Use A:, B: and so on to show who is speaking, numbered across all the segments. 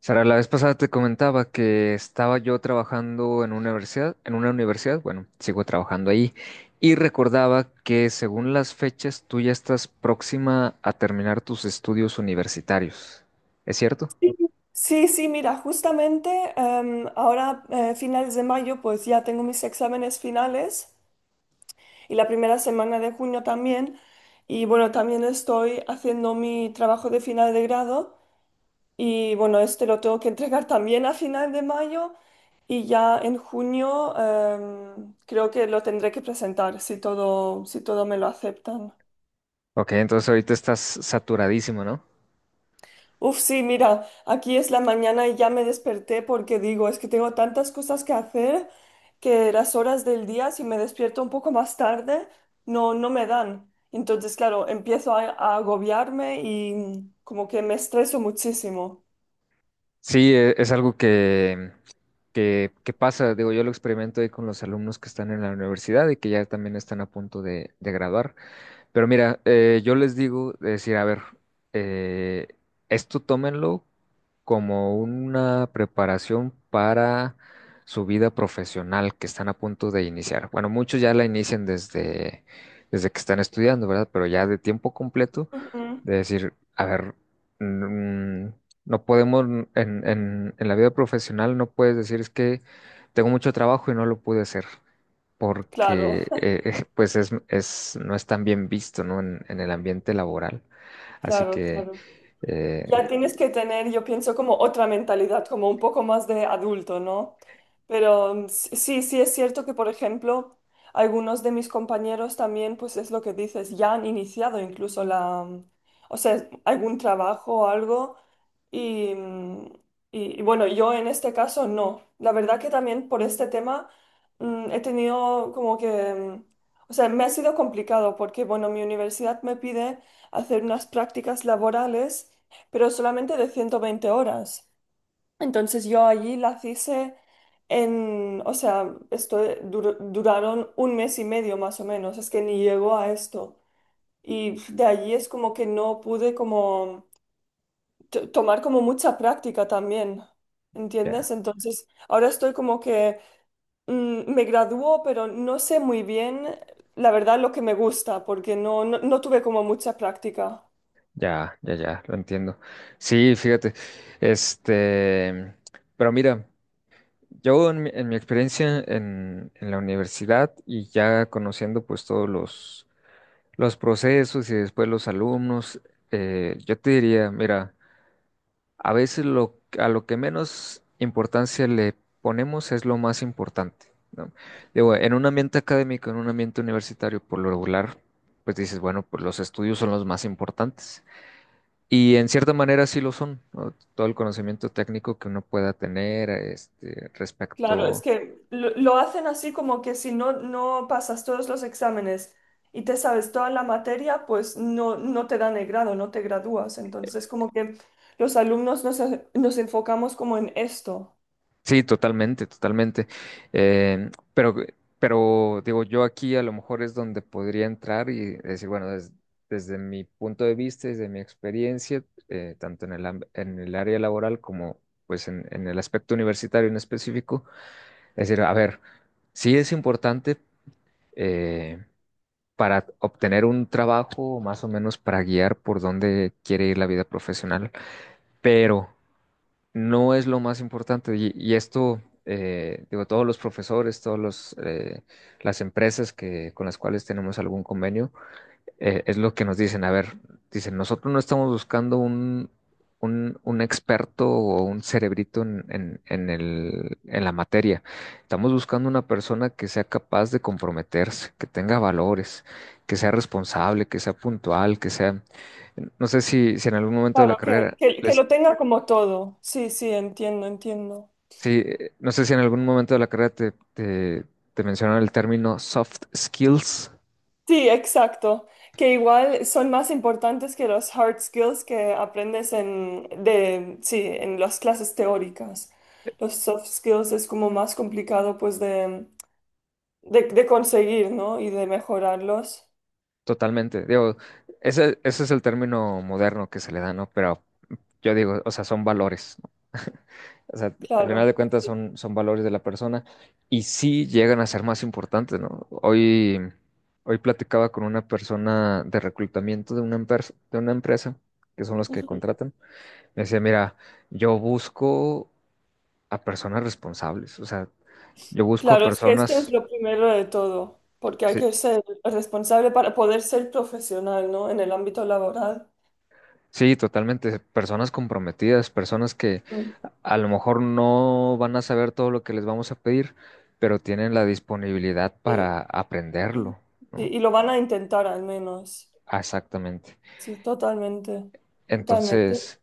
A: Sara, la vez pasada te comentaba que estaba yo trabajando en una universidad, bueno, sigo trabajando ahí, y recordaba que según las fechas tú ya estás próxima a terminar tus estudios universitarios. ¿Es cierto?
B: Sí, sí, sí, mira, justamente ahora finales de mayo pues ya tengo mis exámenes finales y la primera semana de junio también y bueno, también estoy haciendo mi trabajo de final de grado y bueno, este lo tengo que entregar también a final de mayo y ya en junio creo que lo tendré que presentar si todo me lo aceptan.
A: Ok, entonces ahorita estás saturadísimo, ¿no?
B: Uf, sí, mira, aquí es la mañana y ya me desperté porque digo, es que tengo tantas cosas que hacer que las horas del día, si me despierto un poco más tarde, no, no me dan. Entonces, claro, empiezo a agobiarme y como que me estreso muchísimo.
A: Sí, es algo que pasa, digo, yo lo experimento ahí con los alumnos que están en la universidad y que ya también están a punto de graduar. Pero mira, yo les digo, decir, a ver, eh, esto tómenlo como una preparación para su vida profesional que están a punto de iniciar. Bueno, muchos ya la inician desde que están estudiando, ¿verdad? Pero ya de tiempo completo,
B: Ujú.
A: de decir, a ver, mm, no podemos, en la vida profesional no puedes decir es que tengo mucho trabajo y no lo pude hacer
B: Claro,
A: porque pues es, no es tan bien visto, ¿no? En el ambiente laboral. Así
B: claro,
A: que
B: claro.
A: eh,
B: Ya tienes que tener, yo pienso, como otra mentalidad, como un poco más de adulto, ¿no? Pero sí, sí es cierto que, por ejemplo, algunos de mis compañeros también, pues es lo que dices, ya han iniciado incluso la, o sea, algún trabajo o algo. Y, mm, y bueno, yo en este caso no. La verdad que también por este tema he tenido como que, o sea, me ha sido complicado porque, bueno, mi universidad me pide hacer unas prácticas laborales pero solamente de 120 horas. Entonces yo allí las hice en, o sea, esto duraron un mes y medio más o menos, es que ni llegó a esto. Y pf, de allí es como que no pude como tomar como mucha práctica también, ¿entiendes?
A: ya,
B: Entonces ahora estoy como que me graduó, pero no sé muy bien, la verdad, lo que me gusta, porque no, no, no tuve como mucha práctica.
A: ya, ya, ya, lo entiendo. Sí, fíjate, este, pero mira, yo en mi experiencia en la universidad y ya conociendo pues todos los procesos y después los alumnos, yo te diría, mira, a veces lo, a lo que menos importancia le ponemos es lo más importante, ¿no? Digo, en un ambiente académico, en un ambiente universitario, por lo regular, pues dices, bueno, pues los estudios son los más importantes. Y en cierta manera sí lo son, ¿no? Todo el conocimiento técnico que uno pueda tener, este,
B: Claro, es
A: respecto.
B: que lo hacen así como que si no, no pasas todos los exámenes y te sabes toda la materia, pues no, no te dan el grado, no te gradúas. Entonces, como que los alumnos nos enfocamos como en esto.
A: Sí, totalmente, totalmente. Em, pero, pero digo, yo aquí a lo mejor es donde podría entrar y decir, bueno, desde mi punto de vista, desde mi experiencia, tanto en el, en el área laboral como pues en el aspecto universitario en específico, es decir, a ver, sí es importante eh, para obtener un trabajo, más o menos para guiar por dónde quiere ir la vida profesional, pero no es lo más importante. Y esto, digo, todos los profesores, todos los, las empresas que, con las cuales tenemos algún convenio, es lo que nos dicen. A ver, dicen, nosotros no estamos buscando un experto o un cerebrito en la materia. Estamos buscando una persona que sea capaz de comprometerse, que tenga valores, que sea responsable, que sea puntual, que sea... No sé si en algún momento de la
B: Claro, que,
A: carrera
B: que, que
A: les,
B: lo tenga como todo. Sí, sí, entiendo, entiendo.
A: sí, no sé si en algún momento de la carrera te mencionaron el término soft skills.
B: Sí, exacto. Que igual son más importantes que los hard skills que aprendes sí, en las clases teóricas. Los soft skills es como más complicado pues de conseguir, ¿no? Y de mejorarlos.
A: Totalmente. Digo, ese es el término moderno que se le da, ¿no? Pero yo digo, o sea, son valores, ¿no? O sea, al final
B: Claro.
A: de cuentas son, son valores de la persona y sí llegan a ser más importantes, ¿no? Hoy, hoy platicaba con una persona de reclutamiento de una, de una empresa, que son los que
B: Ujú.
A: contratan. Me decía, mira, yo busco a personas responsables. O sea, yo busco a
B: Claro, es que esto es
A: personas,
B: lo primero de todo, porque hay
A: sí,
B: que ser responsable para poder ser profesional, ¿no? En el ámbito laboral.
A: sí, totalmente, personas comprometidas, personas que
B: Mm.
A: a lo mejor no van a saber todo lo que les vamos a pedir, pero tienen la disponibilidad
B: Sí,
A: para
B: sí.
A: aprenderlo, ¿no?
B: Y lo van a intentar al menos.
A: Ah, exactamente.
B: Sí, totalmente. Totalmente.
A: Entonces,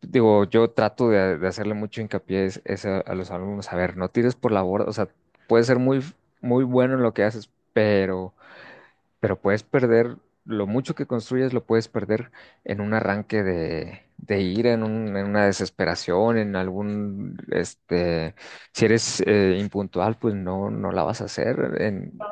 A: digo, yo trato de hacerle mucho hincapié a los alumnos, a ver, no tires por la borda, o sea, puedes ser muy, muy bueno en lo que haces, pero puedes perder, lo mucho que construyes lo puedes perder en un arranque de ira, en, en una desesperación, en algún, este, si eres impuntual, pues no, no la vas a hacer, en,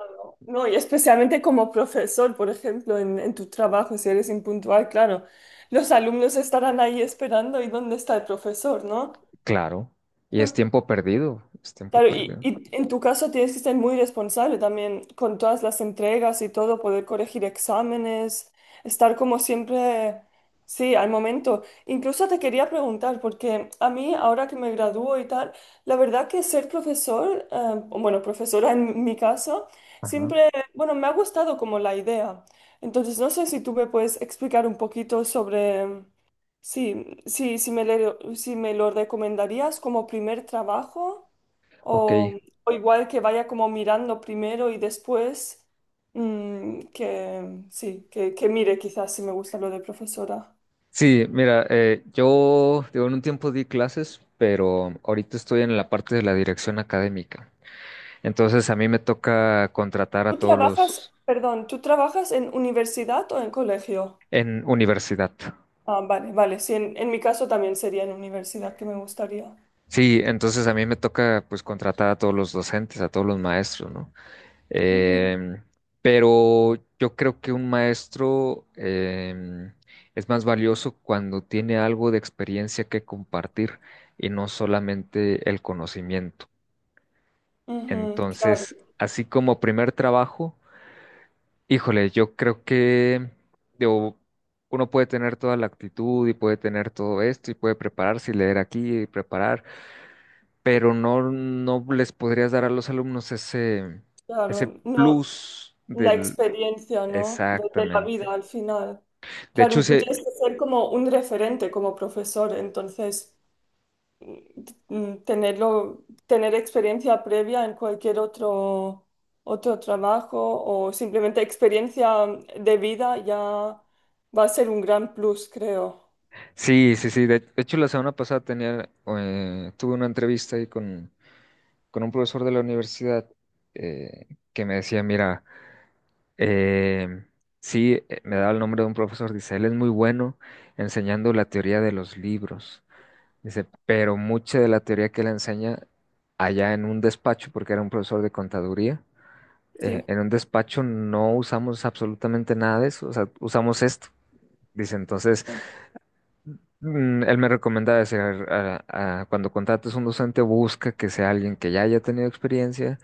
B: No, y especialmente como profesor, por ejemplo, en tu trabajo, si eres impuntual, claro, los alumnos estarán ahí esperando y dónde está el profesor, ¿no?
A: claro. Y es tiempo perdido, es tiempo
B: Claro,
A: perdido.
B: y en tu caso tienes que ser muy responsable también con todas las entregas y todo, poder corregir exámenes, estar como siempre, sí, al momento. Incluso te quería preguntar, porque a mí ahora que me gradúo y tal, la verdad que ser profesor, o bueno, profesora en mi caso,
A: Ajá.
B: siempre, bueno, me ha gustado como la idea. Entonces, no sé si tú me puedes explicar un poquito sobre... Sí, sí, si me, le- si me lo recomendarías como primer trabajo.
A: Ok.
B: O, o igual que vaya como mirando primero y después que sí, que mire quizás si me gusta lo de profesora.
A: Sí, mira, yo digo, en un tiempo di clases, pero ahorita estoy en la parte de la dirección académica. Entonces a mí me toca contratar a
B: ¿Tú
A: todos
B: trabajas,
A: los
B: perdón, tú trabajas en universidad o en colegio?
A: en universidad.
B: Ah, vale, vale, sí, en mi caso también sería en universidad que me gustaría.
A: Sí, entonces a mí me toca pues contratar a todos los docentes, a todos los maestros, ¿no?
B: Ujú,
A: Em, pero yo creo que un maestro es más valioso cuando tiene algo de experiencia que compartir y no solamente el conocimiento.
B: ujú, claro,
A: Entonces, así como primer trabajo, híjole, yo creo que digo, uno puede tener toda la actitud y puede tener todo esto y puede prepararse y leer aquí y preparar, pero no, no les podrías dar a los alumnos ese, ese
B: claro. No,
A: plus
B: la
A: del...
B: experiencia, ¿no? De la
A: Exactamente.
B: vida al final.
A: De
B: Claro,
A: hecho,
B: y tú
A: sí,
B: tienes que ser como un referente como profesor, entonces tenerlo, tener experiencia previa en cualquier otro, otro trabajo o simplemente experiencia de vida ya va a ser un gran plus, creo.
A: sí, sí, sí. De hecho, la semana pasada tenía, tuve una entrevista ahí con un profesor de la universidad eh, que me decía, mira, eh, sí, me daba el nombre de un profesor, dice, él es muy bueno enseñando la teoría de los libros. Dice, pero mucha de la teoría que él enseña allá en un despacho, porque era un profesor de contaduría,
B: Sí.
A: en un despacho no usamos absolutamente nada de eso, o sea, usamos esto. Dice, entonces, él me recomendaba decir, cuando contrates un docente, busca que sea alguien que ya haya tenido experiencia,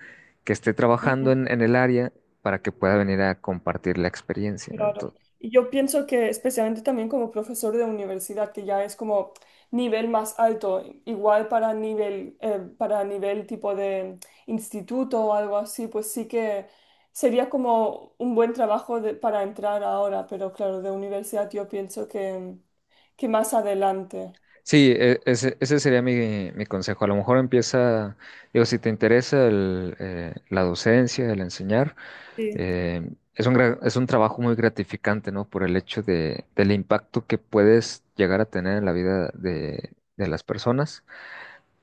A: que esté trabajando en el área para que pueda venir a compartir la experiencia, ¿no?
B: Claro.
A: Entonces,
B: Y yo pienso que especialmente también como profesor de universidad, que ya es como nivel más alto, igual para nivel tipo de instituto o algo así, pues sí que sería como un buen trabajo de- para entrar ahora, pero claro, de universidad yo pienso que más adelante.
A: sí, ese, ese sería mi, mi consejo. A lo mejor empieza, digo, si te interesa el, la docencia, el enseñar,
B: Sí,
A: eh, es un, es un trabajo muy gratificante, ¿no? Por el hecho de, del impacto que puedes llegar a tener en la vida de las personas.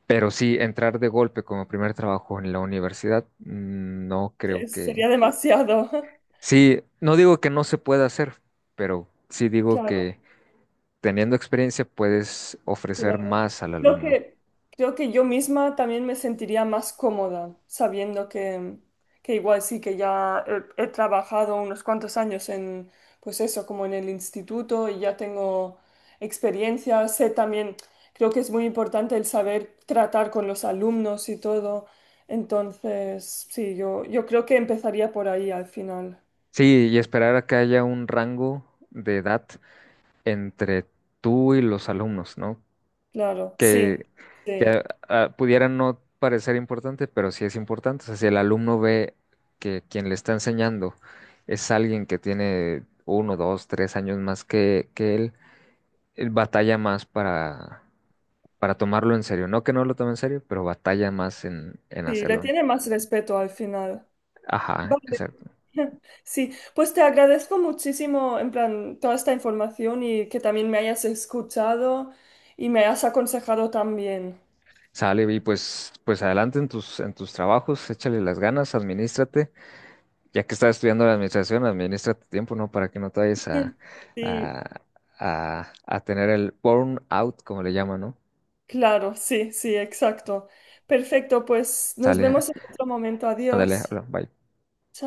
A: Pero sí, entrar de golpe como primer trabajo en la universidad, no creo que...
B: sería demasiado.
A: Sí, no digo que no se pueda hacer, pero sí digo
B: Claro.
A: que teniendo experiencia puedes ofrecer
B: Claro.
A: más al
B: Creo
A: alumno.
B: que, creo que yo misma también me sentiría más cómoda sabiendo que igual sí que ya he trabajado unos cuantos años pues eso, como en el instituto y ya tengo experiencia, sé también, creo que es muy importante el saber tratar con los alumnos y todo. Entonces, sí, yo creo que empezaría por ahí al final.
A: Sí, y esperar a que haya un rango de edad entre tú y los alumnos, ¿no?
B: Claro, sí,
A: que,
B: sí,
A: que, ah, pudiera no parecer importante, pero sí es importante. O sea, si el alumno ve que quien le está enseñando es alguien que tiene uno, dos, tres años más que él batalla más para tomarlo en serio. No que no lo tome en serio, pero batalla más en
B: sí, le
A: hacerlo, ¿no?
B: tiene más respeto al final.
A: Ajá,
B: Vale.
A: exacto.
B: Sí, pues te agradezco muchísimo, en plan, toda esta información y que también me hayas escuchado y me hayas aconsejado también.
A: Sale y pues, pues adelante en tus trabajos, échale las ganas, administrate. Ya que estás estudiando la administración, administra tu tiempo, ¿no? Para que no te vayas
B: Sí,
A: a, a tener el burnout, como le llaman, ¿no?
B: claro, sí, sí, exacto. Perfecto, pues nos
A: Sale,
B: vemos en otro momento.
A: ándale,
B: Adiós.
A: habla, bye.
B: Chao.